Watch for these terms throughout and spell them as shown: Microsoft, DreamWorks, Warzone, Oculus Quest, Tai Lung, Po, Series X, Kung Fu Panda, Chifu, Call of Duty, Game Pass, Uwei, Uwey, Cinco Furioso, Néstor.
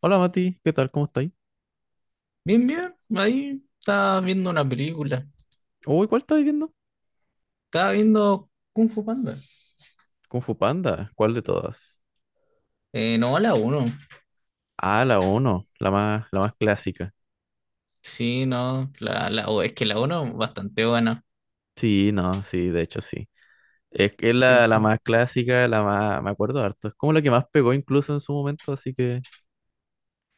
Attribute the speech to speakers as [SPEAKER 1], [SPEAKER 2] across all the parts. [SPEAKER 1] Hola Mati, ¿qué tal? ¿Cómo estáis?
[SPEAKER 2] Bien, bien, ahí estaba viendo una película.
[SPEAKER 1] Uy, ¿cuál estáis viendo?
[SPEAKER 2] Estaba viendo Kung Fu Panda.
[SPEAKER 1] Kung Fu Panda, ¿cuál de todas?
[SPEAKER 2] No, la uno.
[SPEAKER 1] Ah, la uno, la más clásica.
[SPEAKER 2] Sí, no, o es que la uno bastante buena.
[SPEAKER 1] Sí, no, sí, de hecho sí. Es que es
[SPEAKER 2] Que
[SPEAKER 1] la
[SPEAKER 2] cu-
[SPEAKER 1] más clásica, me acuerdo harto. Es como la que más pegó incluso en su momento, así que.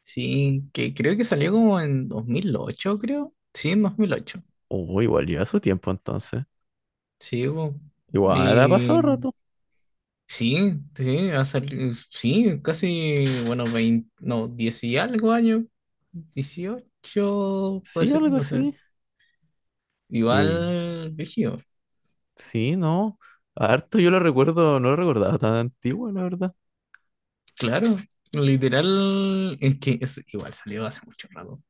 [SPEAKER 2] sí, que creo que salió como en 2008, creo. Sí, en 2008.
[SPEAKER 1] Oh, igual lleva su tiempo entonces.
[SPEAKER 2] Sí, po.
[SPEAKER 1] Igual ha
[SPEAKER 2] Y
[SPEAKER 1] pasado rato.
[SPEAKER 2] sí, sí, sí, casi, bueno, 20. No, 10 y algo años, dieciocho, puede
[SPEAKER 1] Sí,
[SPEAKER 2] ser,
[SPEAKER 1] algo
[SPEAKER 2] no sé.
[SPEAKER 1] así. Y
[SPEAKER 2] Igual, vigío.
[SPEAKER 1] sí, no. Harto yo lo recuerdo, no lo recordaba tan antiguo, la verdad.
[SPEAKER 2] Claro, literal, igual salió hace mucho rato.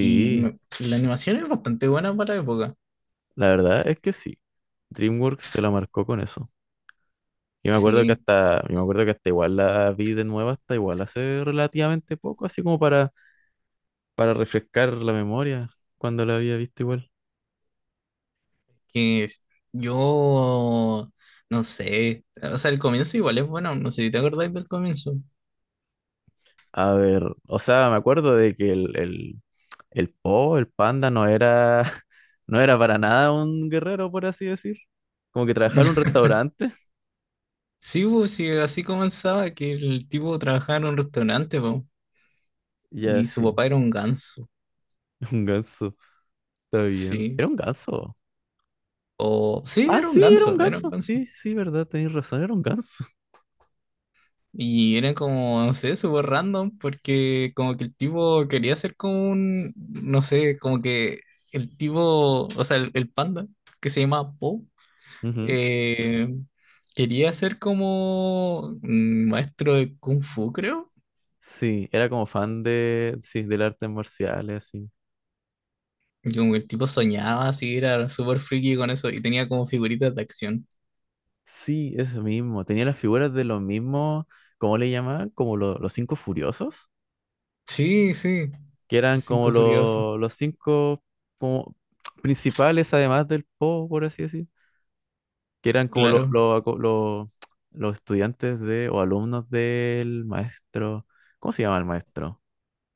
[SPEAKER 2] La animación es bastante buena para la época.
[SPEAKER 1] la verdad es que sí. DreamWorks se la marcó con eso. Yo me acuerdo que
[SPEAKER 2] Sí,
[SPEAKER 1] hasta, yo me acuerdo que hasta igual la vi de nuevo, hasta igual hace relativamente poco, así como para refrescar la memoria cuando la había visto igual.
[SPEAKER 2] que es- yo no sé. O sea, el comienzo igual es bueno. No sé si te acordáis del comienzo.
[SPEAKER 1] A ver, o sea, me acuerdo de que el Po, el panda, no era, no era para nada un guerrero, por así decir. Como que trabajaba en un restaurante.
[SPEAKER 2] Sí, pues, sí, así comenzaba que el tipo trabajaba en un restaurante, po,
[SPEAKER 1] Ya,
[SPEAKER 2] y su
[SPEAKER 1] sí,
[SPEAKER 2] papá era un ganso.
[SPEAKER 1] un ganso, está bien.
[SPEAKER 2] Sí.
[SPEAKER 1] Era un ganso.
[SPEAKER 2] O sí,
[SPEAKER 1] Ah,
[SPEAKER 2] era un
[SPEAKER 1] sí, era un
[SPEAKER 2] ganso, era un
[SPEAKER 1] ganso.
[SPEAKER 2] ganso.
[SPEAKER 1] Sí, sí, verdad, tenéis razón, era un ganso.
[SPEAKER 2] Y eran como, no sé, súper random, porque como que el tipo quería ser como un, no sé, como que el tipo, o sea, el panda, que se llama Po,
[SPEAKER 1] Ujú.
[SPEAKER 2] eh, quería ser como un maestro de Kung Fu, creo.
[SPEAKER 1] Sí, era como fan de, sí, del arte marcial, así.
[SPEAKER 2] Y como que el tipo soñaba así, era súper friki con eso, y tenía como figuritas de acción.
[SPEAKER 1] Sí, eso mismo. Tenía las figuras de los mismos, ¿cómo le llamaban? Como los cinco furiosos,
[SPEAKER 2] Sí, sí,
[SPEAKER 1] que eran como
[SPEAKER 2] Cinco Furioso,
[SPEAKER 1] los cinco como principales, además del Po, por así decir, que eran como
[SPEAKER 2] claro.
[SPEAKER 1] los estudiantes de o alumnos del maestro. ¿Cómo se llama el maestro?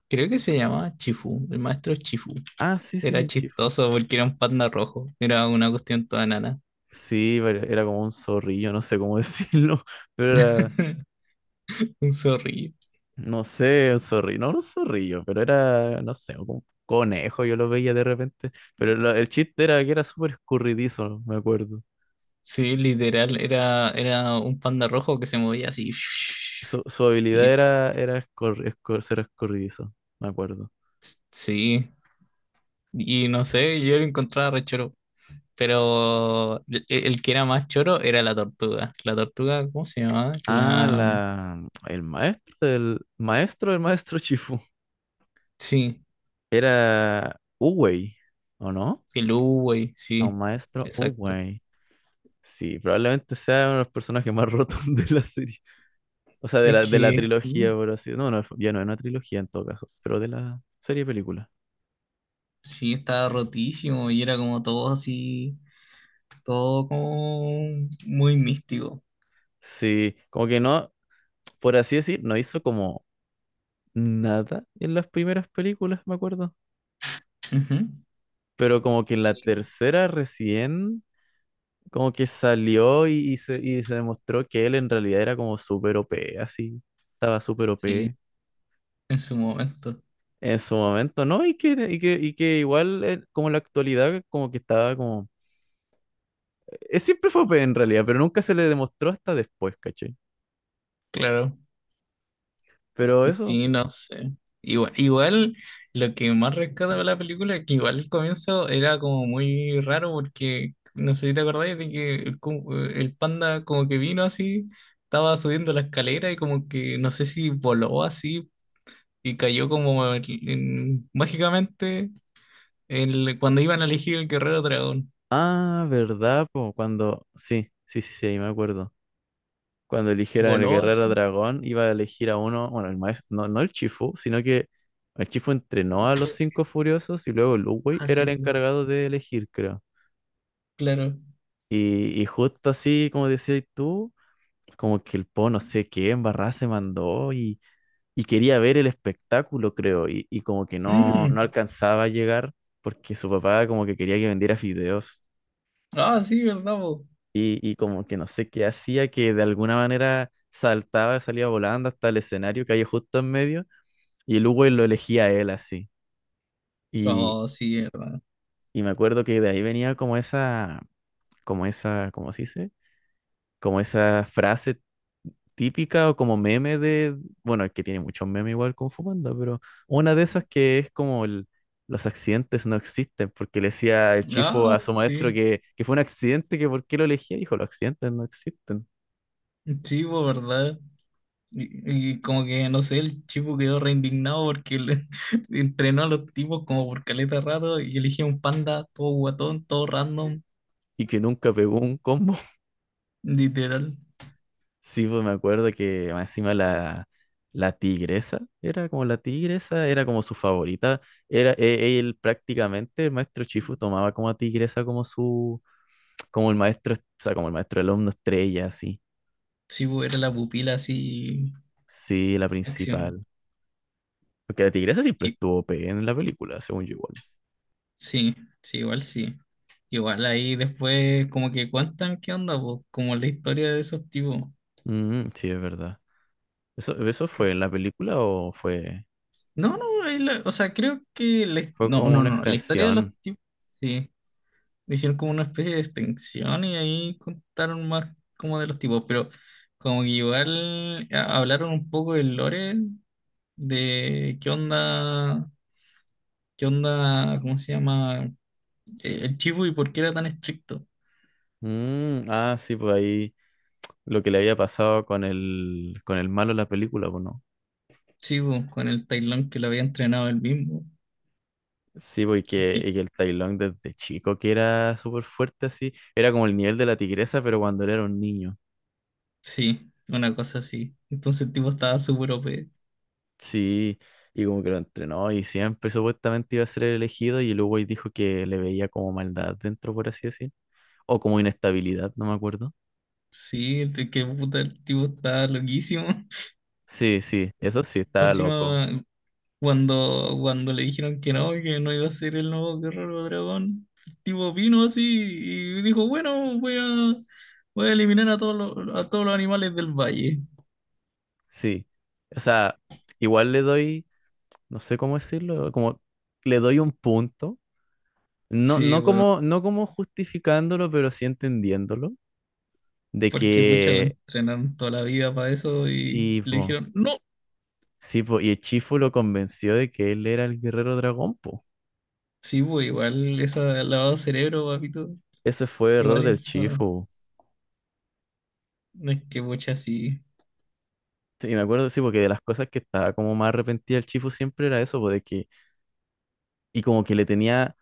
[SPEAKER 2] Creo que se llamaba Chifu, el maestro Chifu.
[SPEAKER 1] Ah, sí, sí,
[SPEAKER 2] Era
[SPEAKER 1] sí, Chifo.
[SPEAKER 2] chistoso porque era un panda rojo. Era una cuestión toda nana.
[SPEAKER 1] Sí, pero era como un zorrillo, no sé cómo decirlo, pero era,
[SPEAKER 2] Un zorrillo.
[SPEAKER 1] no sé, un zorrillo, no un zorrillo, pero era, no sé, un conejo, yo lo veía de repente. Pero el chiste era que era súper escurridizo, me acuerdo.
[SPEAKER 2] Sí, literal. Era, era un panda rojo que se movía así.
[SPEAKER 1] Su
[SPEAKER 2] Y
[SPEAKER 1] habilidad
[SPEAKER 2] s-
[SPEAKER 1] era ser escurridizo, me acuerdo.
[SPEAKER 2] sí. Y no sé, yo lo encontraba re choro. Pero el que era más choro era la tortuga. La tortuga, ¿cómo se llamaba?
[SPEAKER 1] Ah,
[SPEAKER 2] La.
[SPEAKER 1] el maestro del maestro del maestro Chifu
[SPEAKER 2] Sí,
[SPEAKER 1] era Uwei, ¿o no?
[SPEAKER 2] el Uwey,
[SPEAKER 1] A un
[SPEAKER 2] sí.
[SPEAKER 1] maestro
[SPEAKER 2] Exacto.
[SPEAKER 1] Uwei. Sí, probablemente sea uno de los personajes más rotos de la serie. O sea, de
[SPEAKER 2] Es
[SPEAKER 1] la
[SPEAKER 2] que
[SPEAKER 1] trilogía,
[SPEAKER 2] sí.
[SPEAKER 1] por así, no, no, ya no es una trilogía en todo caso, pero de la serie de películas.
[SPEAKER 2] Sí, estaba rotísimo y era como todo así, todo como muy místico.
[SPEAKER 1] Sí, como que no, por así decir, no hizo como nada en las primeras películas, me acuerdo.
[SPEAKER 2] Ujú.
[SPEAKER 1] Pero como que en la
[SPEAKER 2] Sí,
[SPEAKER 1] tercera recién, como que salió y se demostró que él en realidad era como súper OP, así. Estaba súper
[SPEAKER 2] sí,
[SPEAKER 1] OP
[SPEAKER 2] en su momento,
[SPEAKER 1] en su momento, ¿no? Y que igual, como en la actualidad, como que estaba como. Siempre fue OP en realidad, pero nunca se le demostró hasta después, ¿cachai?
[SPEAKER 2] claro.
[SPEAKER 1] Pero eso.
[SPEAKER 2] Sí, no sé. Igual, igual lo que más rescato de la película es que igual el comienzo era como muy raro porque no sé si te acordáis de que el panda como que vino así, estaba subiendo la escalera y como que no sé si voló así y cayó como mágicamente el, cuando iban a elegir el guerrero dragón.
[SPEAKER 1] Ah, ¿verdad, po? Cuando, sí, sí, sí, sí, ahí me acuerdo. Cuando eligieran el
[SPEAKER 2] Voló
[SPEAKER 1] guerrero
[SPEAKER 2] así.
[SPEAKER 1] dragón, iba a elegir a uno. Bueno, el maestro. No, no el Chifu, sino que el Chifu entrenó a los cinco furiosos y luego Lu Wei
[SPEAKER 2] Ah,
[SPEAKER 1] era
[SPEAKER 2] sí,
[SPEAKER 1] el
[SPEAKER 2] sí.
[SPEAKER 1] encargado de elegir, creo.
[SPEAKER 2] Claro.
[SPEAKER 1] Y justo así, como decías tú, como que el Po no sé qué embarrada se mandó y quería ver el espectáculo, creo. Y como que no,
[SPEAKER 2] Mm,
[SPEAKER 1] no alcanzaba a llegar porque su papá como que quería que vendiera fideos.
[SPEAKER 2] ah, sí, ¿verdad, po?
[SPEAKER 1] Y como que no sé qué hacía, que de alguna manera saltaba, salía volando hasta el escenario que hay justo en medio, y el Hugo lo elegía a él así. Y,
[SPEAKER 2] Oh, sí, ¿verdad?
[SPEAKER 1] y me acuerdo que de ahí venía como esa, ¿cómo se dice? Como esa frase típica o como meme de, bueno, es que tiene muchos memes igual con Fumanda, pero una de esas que es como el, los accidentes no existen, porque le decía el chifo
[SPEAKER 2] Ah,
[SPEAKER 1] a su maestro
[SPEAKER 2] sí.
[SPEAKER 1] que, fue un accidente, que por qué lo elegía, dijo, los accidentes no existen,
[SPEAKER 2] Sí, po, ¿verdad? Y como que, no sé, el chico quedó re indignado porque entrenó a los tipos como por caleta de rato y eligió un panda todo guatón, todo random,
[SPEAKER 1] y que nunca pegó un combo.
[SPEAKER 2] literal.
[SPEAKER 1] Sí, pues me acuerdo que más encima la tigresa, era como la tigresa, era como su favorita. Él prácticamente, el maestro Chifu tomaba como a tigresa como su, como el maestro, o sea, como el maestro alumno estrella, así.
[SPEAKER 2] Sí, po, era la pupila así,
[SPEAKER 1] Sí, la
[SPEAKER 2] acción.
[SPEAKER 1] principal. Porque la tigresa siempre
[SPEAKER 2] Y,
[SPEAKER 1] estuvo OP en la película, según yo igual.
[SPEAKER 2] sí, sí. Igual ahí después como que cuentan qué onda, po, como la historia de esos tipos.
[SPEAKER 1] Mm, sí, es verdad. ¿Eso fue en la película o fue,
[SPEAKER 2] No, no, o sea, creo que
[SPEAKER 1] fue
[SPEAKER 2] no,
[SPEAKER 1] como
[SPEAKER 2] no,
[SPEAKER 1] una
[SPEAKER 2] no, la historia de los
[SPEAKER 1] extensión?
[SPEAKER 2] tipos, sí, hicieron como una especie de extensión y ahí contaron más como de los tipos, pero como que hablaron un poco del lore, de qué onda, ¿cómo se llama? El chivo y por qué era tan estricto.
[SPEAKER 1] Mm, ah, sí, pues ahí lo que le había pasado con el malo en la película, pues no.
[SPEAKER 2] Sí, po, con el tailón que lo había entrenado él mismo.
[SPEAKER 1] Sí, porque el Tailón desde chico que era súper fuerte así, era como el nivel de la tigresa, pero cuando él era un niño.
[SPEAKER 2] Sí, una cosa así. Entonces el tipo estaba súper OP.
[SPEAKER 1] Sí, y como que lo entrenó y siempre supuestamente iba a ser el elegido y luego ahí dijo que le veía como maldad dentro, por así decir, o como inestabilidad, no me acuerdo.
[SPEAKER 2] Sí, que puta, el tipo estaba loquísimo.
[SPEAKER 1] Sí, sí, eso sí,
[SPEAKER 2] Más
[SPEAKER 1] estaba loco.
[SPEAKER 2] encima, cuando le dijeron que no iba a ser el nuevo Guerrero Dragón, el tipo vino así y dijo, bueno, voy a eliminar a todos los animales del valle.
[SPEAKER 1] Sí, o sea, igual le doy, no sé cómo decirlo, como le doy un punto, no,
[SPEAKER 2] Sí,
[SPEAKER 1] no
[SPEAKER 2] bueno,
[SPEAKER 1] como, no como justificándolo, pero sí entendiéndolo de
[SPEAKER 2] porque pucha, la
[SPEAKER 1] que.
[SPEAKER 2] entrenaron toda la vida para eso y
[SPEAKER 1] Sí,
[SPEAKER 2] le
[SPEAKER 1] po.
[SPEAKER 2] dijeron, no.
[SPEAKER 1] Sí, po. Y el Chifu lo convenció de que él era el guerrero dragón, po.
[SPEAKER 2] Sí, pues igual, esa lavado de cerebro, papito,
[SPEAKER 1] Ese fue error
[SPEAKER 2] igual
[SPEAKER 1] del
[SPEAKER 2] insano.
[SPEAKER 1] Chifu.
[SPEAKER 2] No es que pucha, sí.
[SPEAKER 1] Sí, y me acuerdo, sí, porque de las cosas que estaba como más arrepentida el Chifu siempre era eso, po, de que. Y como que le tenía.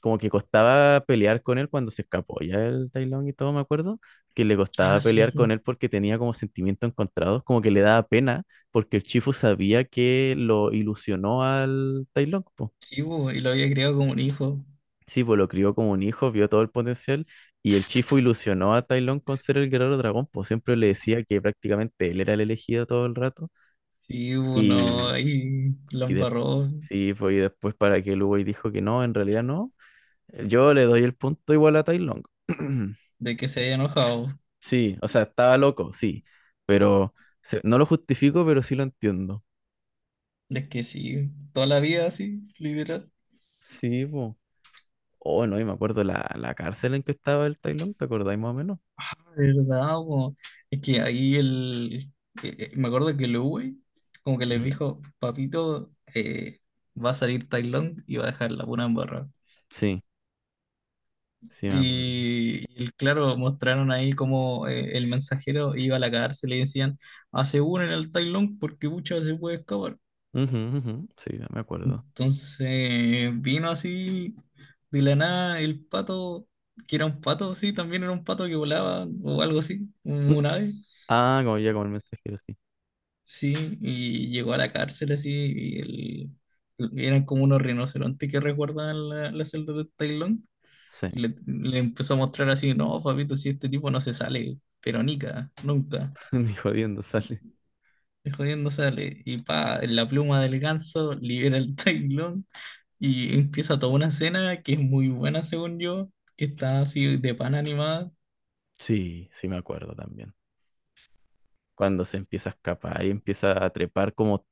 [SPEAKER 1] Como que costaba pelear con él cuando se escapó ya el Tai Lung y todo, me acuerdo. Que le
[SPEAKER 2] Ah,
[SPEAKER 1] costaba pelear con
[SPEAKER 2] sí,
[SPEAKER 1] él porque tenía como sentimientos encontrados, como que le daba pena, porque el Chifu sabía que lo ilusionó al Tai Lung, po.
[SPEAKER 2] sí, pues, y lo había criado como un hijo.
[SPEAKER 1] Sí, pues lo crió como un hijo, vio todo el potencial y el Chifu ilusionó a Tai Lung con ser el guerrero dragón, pues siempre le decía que prácticamente él era el elegido todo el rato
[SPEAKER 2] Sí, pues, no,
[SPEAKER 1] y,
[SPEAKER 2] ahí la
[SPEAKER 1] y de-
[SPEAKER 2] embarró.
[SPEAKER 1] sí, pues y después para que Lugo dijo que no, en realidad no, yo le doy el punto igual a Tai Lung.
[SPEAKER 2] De que se haya enojado.
[SPEAKER 1] Sí, o sea, estaba loco, sí, pero no lo justifico, pero sí lo entiendo.
[SPEAKER 2] Es que sí, toda la vida así, literal.
[SPEAKER 1] Sí, pues. Oh, no, y me acuerdo la cárcel en que estaba el Tai Lung, ¿te acordáis más o menos?
[SPEAKER 2] De verdad, po. Es que ahí el. Me acuerdo que el Uwe, como que le
[SPEAKER 1] ¿Mm?
[SPEAKER 2] dijo, papito, va a salir Tai Lung y va a dejar la pura embarrada.
[SPEAKER 1] Sí, sí me acuerdo.
[SPEAKER 2] Y, claro, mostraron ahí como el mensajero iba a la cárcel y decían, hace uno en el Tai Lung porque muchas se puede escapar.
[SPEAKER 1] Ujú, ujú, sí, ya me acuerdo.
[SPEAKER 2] Entonces vino así de la nada el pato, que era un pato, sí, también era un pato que volaba o algo así, un
[SPEAKER 1] Mm,
[SPEAKER 2] un ave,
[SPEAKER 1] ah, como ya como el mensajero, sí.
[SPEAKER 2] sí, y llegó a la cárcel así, eran como unos rinocerontes que resguardaban la celda de Tailón,
[SPEAKER 1] Sí,
[SPEAKER 2] y le empezó a mostrar así, no, papito, si este tipo no se sale, pero nica, nunca,
[SPEAKER 1] ni jodiendo sale.
[SPEAKER 2] de jodiendo sale, y pa, en la pluma del ganso libera el Tailón. Y empieza toda una escena que es muy buena, según yo, que está así de pan animada.
[SPEAKER 1] Sí, sí me acuerdo también. Cuando se empieza a escapar y empieza a trepar como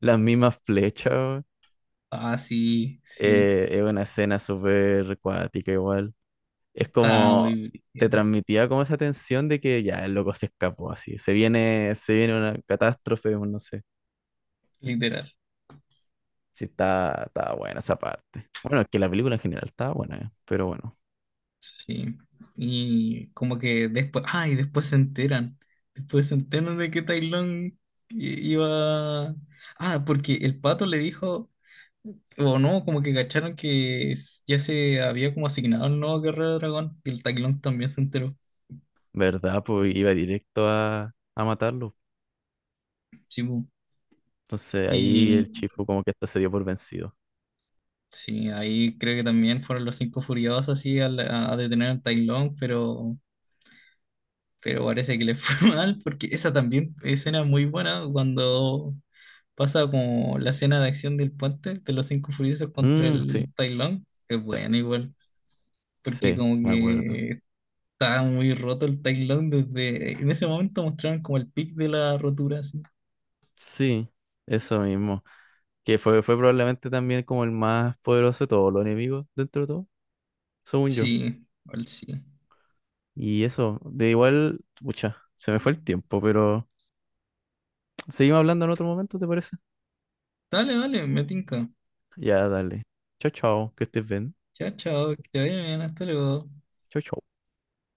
[SPEAKER 1] las mismas flechas, weón.
[SPEAKER 2] Ah, sí, sí,
[SPEAKER 1] Es una escena súper cuática igual. Es
[SPEAKER 2] está
[SPEAKER 1] como,
[SPEAKER 2] muy
[SPEAKER 1] te
[SPEAKER 2] brígida,
[SPEAKER 1] transmitía como esa tensión de que ya el loco se escapó así. Se viene una catástrofe, o no sé.
[SPEAKER 2] literal.
[SPEAKER 1] Sí, está buena esa parte. Bueno, es que la película en general está buena, pero bueno.
[SPEAKER 2] Sí. Y como que después, ah, y después se enteran. Después se enteran de que Tai Lung iba. Ah, porque el pato le dijo, o no, como que cacharon que ya se había como asignado el nuevo guerrero dragón. Y el Tai Lung también se enteró.
[SPEAKER 1] ¿Verdad? Pues iba directo a matarlo.
[SPEAKER 2] Sí, bu.
[SPEAKER 1] Entonces ahí el
[SPEAKER 2] Y.
[SPEAKER 1] Chifu como que hasta se dio por vencido.
[SPEAKER 2] Sí, ahí creo que también fueron los cinco furiosos así a detener a Tai Lung, pero parece que le fue mal porque esa también escena muy buena cuando pasa como la escena de acción del puente de los cinco furiosos contra
[SPEAKER 1] Mm, sí,
[SPEAKER 2] el Tai Lung, es
[SPEAKER 1] sí,
[SPEAKER 2] buena igual, porque
[SPEAKER 1] sí,
[SPEAKER 2] como
[SPEAKER 1] me acuerdo.
[SPEAKER 2] que está muy roto el Tai Lung desde en ese momento mostraron como el pic de la rotura así.
[SPEAKER 1] Sí, eso mismo. Que fue probablemente también como el más poderoso de todos los enemigos dentro de todo, según yo.
[SPEAKER 2] Sí, igual sí.
[SPEAKER 1] Y eso, de igual, pucha, se me fue el tiempo, pero seguimos hablando en otro momento, ¿te parece?
[SPEAKER 2] Dale, dale, me tinca.
[SPEAKER 1] Ya, dale. Chao, chao, que estés bien.
[SPEAKER 2] Chao, chao, que te vaya bien, hasta luego.
[SPEAKER 1] Chao, chao.